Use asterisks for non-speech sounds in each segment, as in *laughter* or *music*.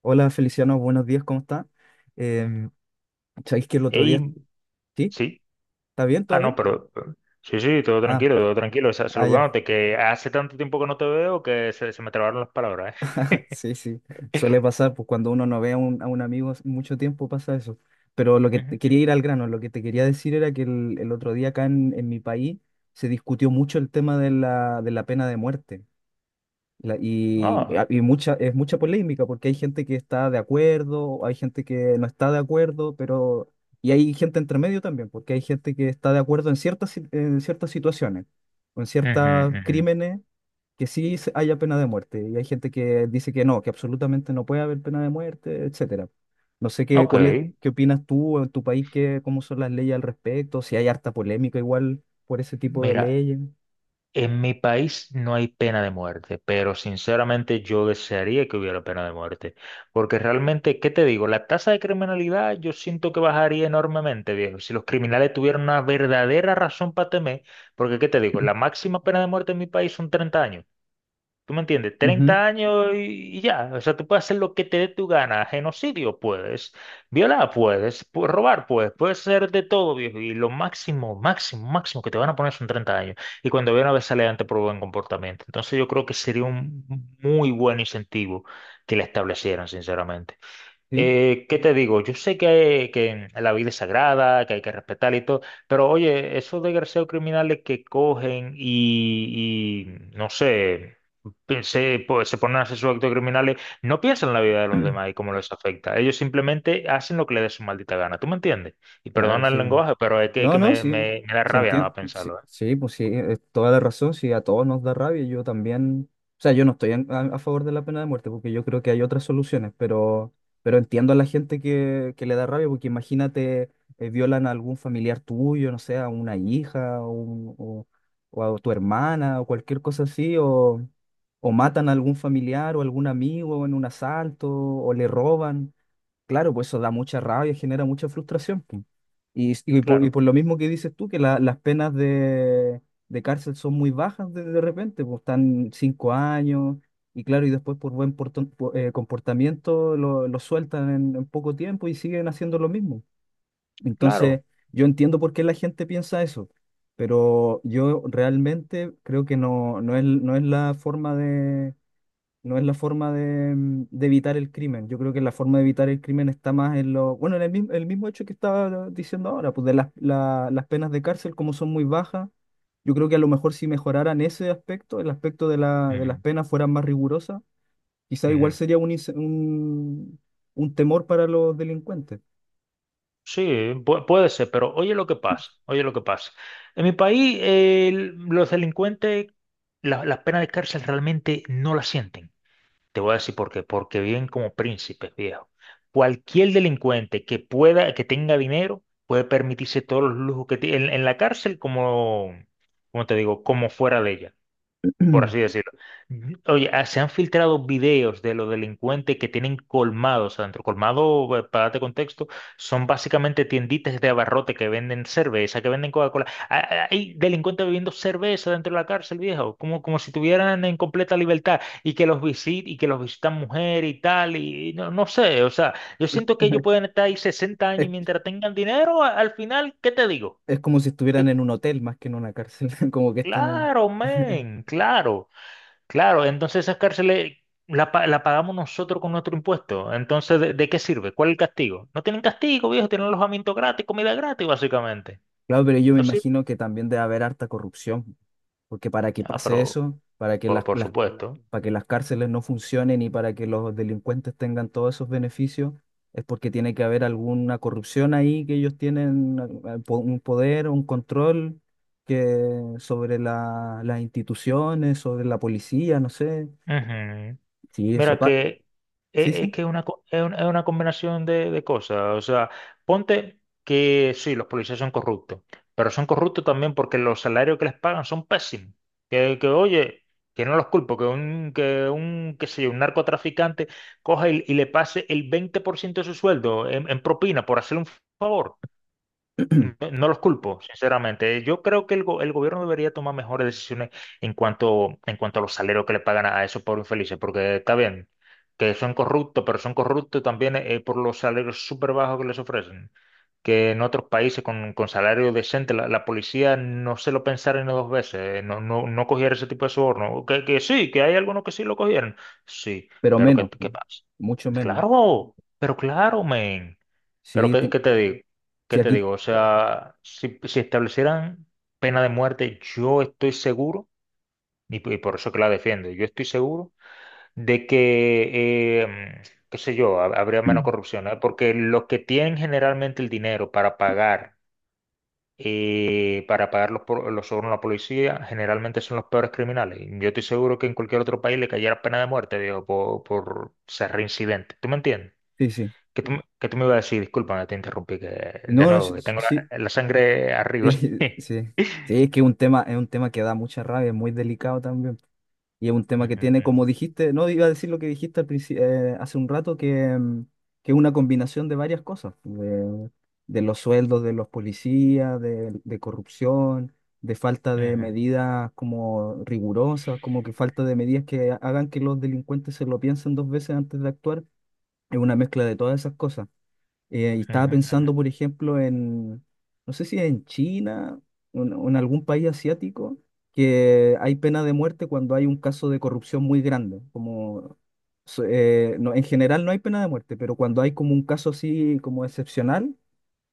Hola Feliciano, buenos días, ¿cómo está? Eh, ¿Sabéis que el otro día, Ey, sí? sí. ¿Está bien? ¿Todo Ah, no, bien? Sí, sí, todo Ah, tranquilo, todo tranquilo. Ya, Saludándote, que hace tanto tiempo que no te veo que se me trabaron las palabras, *laughs* sí, sí, suele pasar, pues cuando uno no ve a un, amigo hace mucho tiempo pasa eso. Pero lo que ¿eh? te Ujú. quería ir al grano, lo que te quería decir era que el, otro día acá en mi país se discutió mucho el tema de la pena de muerte. La- y, Ah, ah, y mucha, es mucha polémica porque hay gente que está de acuerdo, hay gente que no está de acuerdo, pero... Y hay gente entre medio también, porque hay gente que está de acuerdo en ciertas, en ciertas situaciones, o en ujú, ciertos ujú. crímenes, que sí haya pena de muerte. Y hay gente que dice que no, que absolutamente no puede haber pena de muerte, etcétera. No sé qué, Ok. Qué opinas tú en tu país, qué, cómo son las leyes al respecto, si hay harta polémica igual por ese tipo de Mira, leyes. en mi país no hay pena de muerte, pero sinceramente yo desearía que hubiera pena de muerte. Porque realmente, ¿qué te digo? La tasa de criminalidad yo siento que bajaría enormemente, viejo. Si los criminales tuvieran una verdadera razón para temer, porque ¿qué te digo? La máxima pena de muerte en mi país son 30 años. ¿Tú me entiendes? Ujú. 30 años y ya. O sea, tú puedes hacer lo que te dé tu gana. Genocidio puedes, violar puedes, robar puedes, puedes hacer de todo, viejo. Y lo máximo, máximo, máximo que te van a poner son 30 años. Y cuando ve a ver sale ante por buen comportamiento. Entonces yo creo que sería un muy buen incentivo que le establecieran, sinceramente. Sí. ¿Qué te digo? Yo sé que la vida es sagrada, que hay que respetar y todo, pero oye, esos desgraciados criminales que cogen no sé, pues, se ponen a hacer sus actos criminales, no piensan en la vida de los *clears throat* demás y cómo les afecta. Ellos simplemente hacen lo que les dé su maldita gana, ¿tú me entiendes? Y Claro, perdona el sí. lenguaje, pero es No, que no, me, sí, me- me da sí rabia nada entiendo, más sí, pensarlo, ¿eh? sí, pues sí, es toda la razón, sí, a todos nos da rabia, yo también, o sea, yo no estoy a, favor de la pena de muerte porque yo creo que hay otras soluciones, pero entiendo a la gente que le da rabia porque imagínate, violan a algún familiar tuyo, no sé, a una hija o, o a tu hermana o cualquier cosa así, o, matan a algún familiar o algún amigo en un asalto o le roban. Claro, pues eso da mucha rabia, genera mucha frustración. Po. Y, y por, y Claro, por lo mismo que dices tú, que las penas de, cárcel son muy bajas de repente, pues están 5 años, y claro, y después por buen comportamiento lo sueltan en poco tiempo y siguen haciendo lo mismo. Entonces, claro. yo entiendo por qué la gente piensa eso, pero yo realmente creo que no, no es, no es la forma no es la forma de, de evitar el crimen. Yo creo que la forma de evitar el crimen está más en lo, bueno, en el mismo hecho que estaba diciendo ahora, pues de las, las penas de cárcel, como son muy bajas, yo creo que a lo mejor si mejoraran ese aspecto, el aspecto de la, de las Ujú, penas fueran más rigurosas, quizá igual ujú. sería un, un temor para los delincuentes. Sí, puede ser, pero oye lo que pasa, oye lo que pasa. En mi país, los delincuentes, las penas de cárcel realmente no las sienten. Te voy a decir por qué, porque viven como príncipes, viejo. Cualquier delincuente que pueda, que tenga dinero, puede permitirse todos los lujos que tiene en la cárcel como, como te digo, como fuera de ella por así *clears throat* decirlo. Oye, se han filtrado videos de los delincuentes que tienen colmados adentro. Colmado, para darte contexto, son básicamente tienditas de abarrote que venden cerveza, que venden Coca-Cola. Ah, ah, ah. Hay delincuentes bebiendo cerveza dentro de la cárcel, viejo, como, como si estuvieran en completa libertad y y que los visitan mujeres y tal, y no sé, o sea, yo siento que ellos pueden estar ahí 60 años y Es, mientras tengan dinero, al final, ¿qué te digo? es como si estuvieran Que- en un hotel más que en una cárcel, *laughs* como que están en... Claro, *laughs* men, claro. Claro, entonces esas cárceles la pagamos nosotros con nuestro impuesto. Entonces, ¿de qué sirve? ¿Cuál es el castigo? No tienen castigo, viejo, tienen alojamiento gratis, comida gratis, básicamente. Claro, pero yo me ¿No sirve? imagino que también debe haber harta corrupción. Porque para que Ah, pase pero eso, por, por supuesto. para que las cárceles no funcionen y para que los delincuentes tengan todos esos beneficios, es porque tiene que haber alguna corrupción ahí que ellos tienen un poder, un control que sobre las instituciones, sobre la policía, no sé. Ujú. Sí, eso Mira que es, sí, es sí. que es una, es una combinación de cosas. O sea, ponte que sí, los policías son corruptos, pero son corruptos también porque los salarios que les pagan son pésimos. Oye, que no los culpo, qué sé yo, un narcotraficante coja y le pase el 20% de su sueldo en propina por hacerle un favor. No, *clears throat* no los culpo, sinceramente. Yo creo que el gobierno debería tomar mejores decisiones en cuanto a los salarios que le pagan a esos pobres infelices, porque está bien que son corruptos, pero son corruptos también por los salarios súper bajos que les ofrecen. Que en otros países con salario decente la policía no se lo pensaron ni dos veces, no cogiera ese tipo de soborno. Que sí, que hay algunos que sí lo cogieron. Sí, Pero pero ¿qué, menos, qué pasa? mucho menos. Claro, pero claro, men. Pero Sí, ¿qué, qué te digo? ¿Qué sí, te aquí. digo? O sea, si establecieran pena de muerte, yo estoy seguro, y por eso que la defiendo, yo estoy seguro de que, qué sé yo, habría menos *clears throat* corrupción, ¿eh? Porque los que tienen generalmente el dinero para pagar, los sobornos a la policía, generalmente son los peores criminales. Yo estoy seguro que en cualquier otro país le cayera pena de muerte, digo, por ser reincidente. ¿Tú me entiendes? Sí, sí. que tú, que tú me ibas a decir? Discúlpame, te interrumpí que, de No, no, nuevo, sí, que tengo sí. la sangre arriba. Sí, *laughs* sí. Sí, es que es un tema que da mucha rabia, es muy delicado también. Y es un tema que tiene, como Ujú, dijiste, no iba a decir lo que dijiste al hace un rato, que es una combinación de varias cosas, de, los sueldos de los policías, de corrupción, de falta de ujú, medidas como rigurosas, como que falta de medidas que hagan que los delincuentes se lo piensen dos veces antes de actuar. Es una mezcla de todas esas cosas. Y ujú, estaba ujú, pensando, ujú, por ejemplo, no sé si en China o en algún país asiático, que hay pena de muerte cuando hay un caso de corrupción muy grande. Como, no, en general no hay pena de muerte, pero cuando hay como un caso así como excepcional,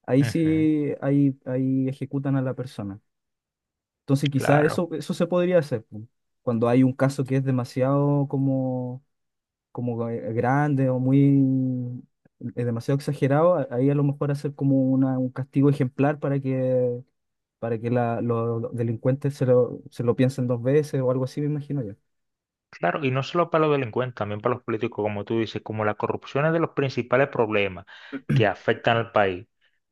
ahí ujú. sí ahí, ahí ejecutan a la persona. Entonces quizás Claro. eso, se podría hacer. Pu. Cuando hay un caso que es demasiado como como grande o muy demasiado exagerado, ahí a lo mejor hacer como una, un castigo ejemplar para que, los delincuentes se lo piensen dos veces o algo así, me imagino yo. Claro, y no solo para los delincuentes, también para los políticos, como tú dices, como la corrupción es de los principales problemas que *clears throat* afectan al país,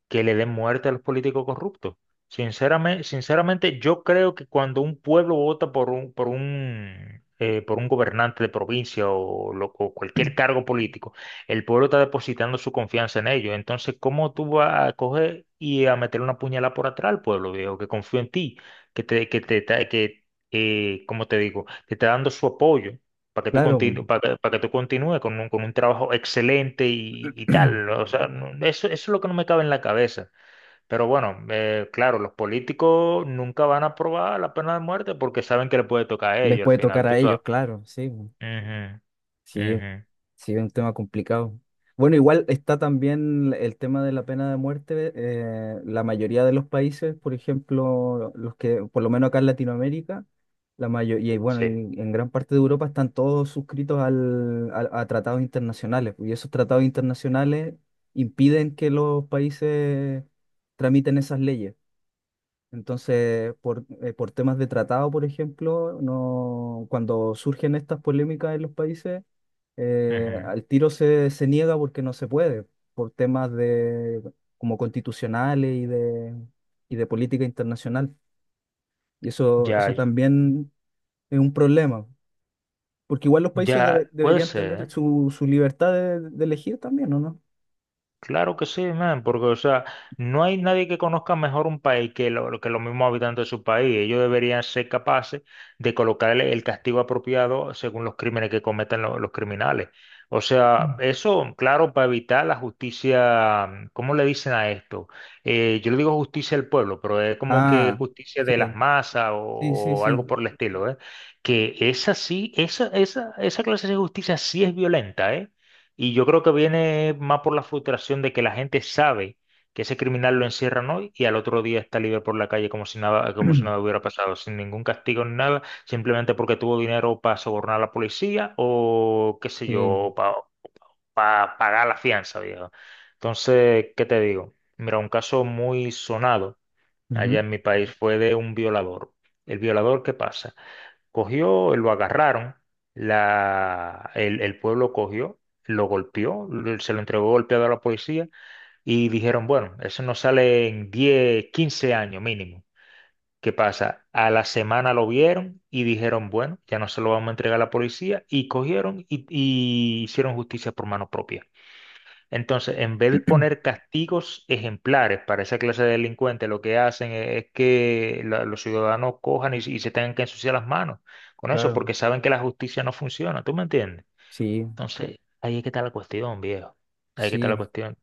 que le den muerte a los políticos corruptos. Sinceramente, sinceramente, yo creo que cuando un pueblo vota por un gobernante de provincia o, o cualquier cargo político, el pueblo está depositando su confianza en ellos. Entonces, ¿cómo tú vas a coger y a meter una puñalada por atrás al pueblo, viejo, que confío en ti, que te, que te, que como te digo, te está dando su apoyo para que tú Claro. continúes, para que tú continúes con un trabajo excelente y *clears throat* tal. ¿No? O sea, eso es lo que no me cabe en la cabeza. Pero bueno, claro, los políticos nunca van a aprobar la pena de muerte porque saben que le puede tocar a Les ellos al puede final, tocar a tú sabes. ellos, claro, sí. Ujú, Sí. ujú, Sí, es un tema complicado. Bueno, igual está también el tema de la pena de muerte. La mayoría de los países, por ejemplo, los que, por lo menos acá en Latinoamérica, la mayoría, y bueno, sí, y en gran parte de Europa están todos suscritos a tratados internacionales. Y esos tratados internacionales impiden que los países tramiten esas leyes. Entonces, por temas de tratado, por ejemplo, no, cuando surgen estas polémicas en los países, ujú. al tiro se, niega porque no se puede, por temas como constitucionales y de política internacional. Y eso, Ya, eso también es un problema, porque igual los países ya puede deberían ser, tener ¿eh? su, libertad de elegir también, ¿o no? Claro que sí, man, porque, o sea, no hay nadie que conozca mejor un país que los mismos habitantes de su país. Ellos deberían ser capaces de colocarle el castigo apropiado según los crímenes que cometan los criminales. O sea, eso, claro, para evitar la justicia, ¿cómo le dicen a esto? Yo le digo justicia del pueblo, pero es como que Ah, justicia de las sí, masas sí, sí, o sí. algo por el estilo, ¿eh? Que esa sí, esa clase de justicia sí es violenta, ¿eh? Y yo creo que viene más por la frustración de que la gente sabe que ese criminal lo encierran hoy y al otro día está libre por la calle como si nada *clears throat* hubiera pasado, sin ningún castigo ni nada, simplemente porque tuvo dinero para sobornar a la policía o qué sé Sí, yo, para pagar la fianza, viejo. Entonces, ¿qué te digo? Mira, un caso muy sonado allá ujú, en mi país fue de un violador. El violador, ¿qué pasa? Cogió, lo agarraron, el pueblo cogió, lo golpeó, se lo entregó golpeado a la policía y dijeron, bueno, eso no sale en 10-15 años mínimo. ¿Qué pasa? A la semana lo vieron y dijeron, bueno, ya no se lo vamos a entregar a la policía y cogieron y hicieron justicia por mano propia. Entonces, en vez de poner castigos ejemplares para esa clase de delincuentes, lo que hacen es que los ciudadanos cojan y se tengan que ensuciar las manos con eso, claro, porque saben que la justicia no funciona, ¿tú me entiendes? sí, Entonces, ahí es que está la cuestión, viejo. Ahí es que está la sí. cuestión.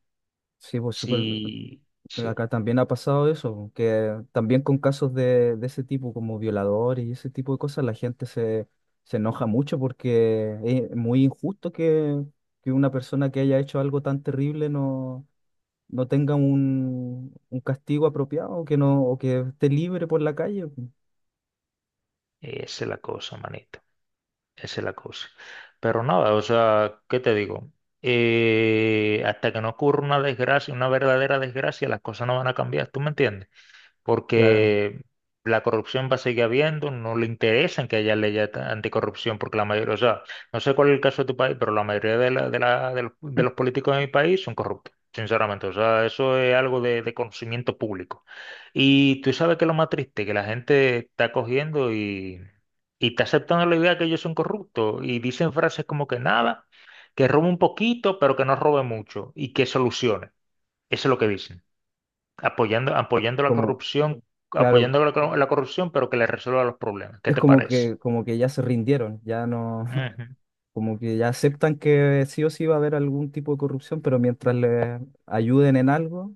Sí, pues súper, Sí, sí, acá también ha pasado eso, que también con casos de, ese tipo, como violadores y ese tipo de cosas, la gente se, enoja mucho porque es muy injusto que una persona que haya hecho algo tan terrible no, tenga un castigo apropiado, que no, o que esté libre por la calle. esa es la cosa, manito. Esa es la cosa. Pero nada, o sea, ¿qué te digo? Hasta que no ocurra una desgracia, una verdadera desgracia, las cosas no van a cambiar, ¿tú me entiendes? Claro. Porque la corrupción va a seguir habiendo, no le interesan que haya leyes anticorrupción, porque la mayoría, o sea, no sé cuál es el caso de tu país, pero la mayoría de los políticos de mi país son corruptos. Sinceramente, o sea, eso es algo de conocimiento público. Y tú sabes que lo más triste, que la gente está cogiendo y está aceptando la idea que ellos son corruptos y dicen frases como que nada, que robe un poquito, pero que no robe mucho y que solucione. Eso es lo que dicen apoyando, apoyando la Como, corrupción, claro, apoyando la corrupción, pero que le resuelva los problemas. ¿Qué es te como parece? que, como que ya se rindieron, ya no, *laughs* Ujú. como que ya aceptan que sí o sí va a haber algún tipo de corrupción, pero mientras les ayuden en algo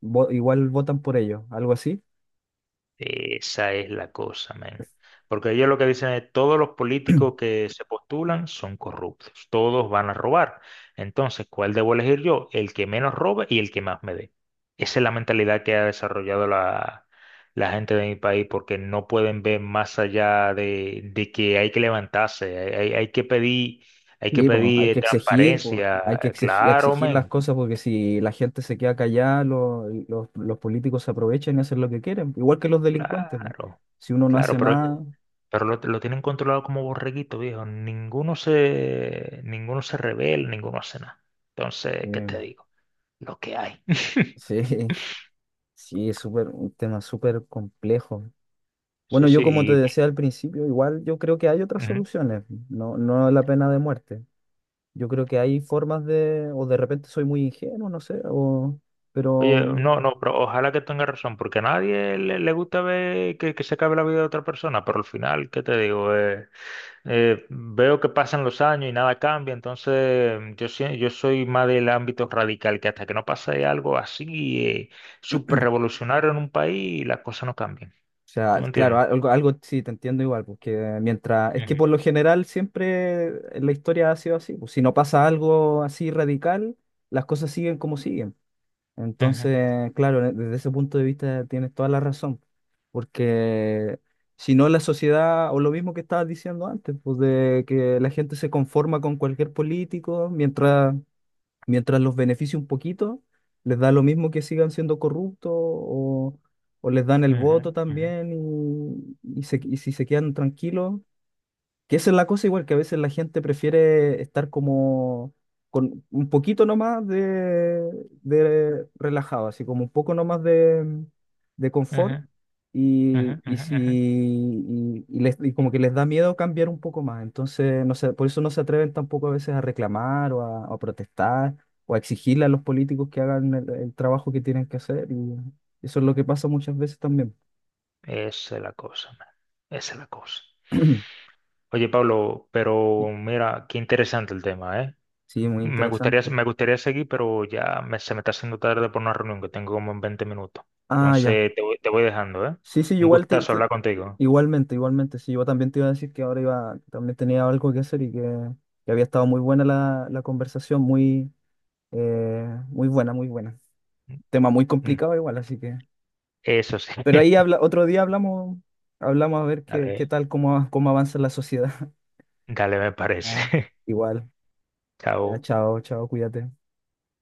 igual votan por ellos, algo así. Esa es la cosa, men. Porque ellos lo que dicen es, todos los políticos que se postulan son corruptos, todos van a robar. Entonces, ¿cuál debo elegir yo? El que menos robe y el que más me dé. Esa es la mentalidad que ha desarrollado la gente de mi país, porque no pueden ver más allá de que hay que levantarse, hay que pedir, hay que Y pues hay pedir que exigir, pues, hay transparencia. que exigir, Claro, exigir las men. cosas porque si la gente se queda callada, los políticos se aprovechan y hacen lo que quieren, igual que los delincuentes, po. Claro, Si uno no claro, hace nada, pero lo tienen controlado como borreguito, viejo. Ninguno se revela, ninguno hace nada. Entonces, ¿qué eh, te digo? Lo que hay. *laughs* sí, *laughs* sí, es súper, un tema súper complejo. Sí, Bueno, yo como te sí. decía al principio, igual yo creo que hay otras Ujú. soluciones, no, no la pena de muerte. Yo creo que hay formas o de repente soy muy ingenuo, no sé, Oye, pero. no, no, pero ojalá que tenga razón, porque a nadie le gusta ver que se acabe la vida de otra persona, pero al final, ¿qué te digo? Veo que pasan los años y nada cambia, entonces yo soy más del ámbito radical, que hasta que no pase algo así, súper revolucionario en un país, las cosas no cambian. O ¿Tú sea, me claro, entiendes? algo, sí te entiendo igual, porque mientras, es Ujú, que por lo general siempre la historia ha sido así, pues si no pasa algo así radical, las cosas siguen como siguen. ujú, Entonces, claro, desde ese punto de vista tienes toda la razón, porque si no la sociedad, o lo mismo que estabas diciendo antes, pues de que la gente se conforma con cualquier político, mientras los beneficie un poquito, les da lo mismo que sigan siendo corruptos o les dan el voto ujú, ujú, también y, y si se quedan tranquilos, que esa es la cosa igual, que a veces la gente prefiere estar como con un poquito nomás de, relajado, así como un poco nomás de ujú, confort ujú, y ujú, si ujú. y, y les- y como que les da miedo cambiar un poco más. Entonces, no sé, por eso no se atreven tampoco a veces a reclamar o a protestar o a exigirle a los políticos que hagan el trabajo que tienen que hacer y eso es lo que pasa muchas veces también. Esa es la cosa, man. Esa es la cosa. *clears throat* Oye, Pablo, pero mira, qué interesante el tema, ¿eh? Sí, muy Me gustaría, interesante. me gustaría seguir, pero ya se me está haciendo tarde por una reunión que tengo como en 20 minutos. Ah, ya. Entonces te voy dejando, ¿eh? Sí, sí, Un igual gustazo hablar contigo. igualmente, igualmente. Sí, yo también te iba a decir que ahora iba, también tenía algo que hacer y que había estado muy buena la conversación, muy, muy buena, muy buena. Mm, Tema muy mm. complicado igual, así que. Eso sí. Pero ahí *laughs* habla, otro día hablamos, hablamos a ver qué Dale, tal, cómo avanza la sociedad. *laughs* dale, me parece. Ya, *laughs* igual. Ya, Chao. chao, chao, cuídate.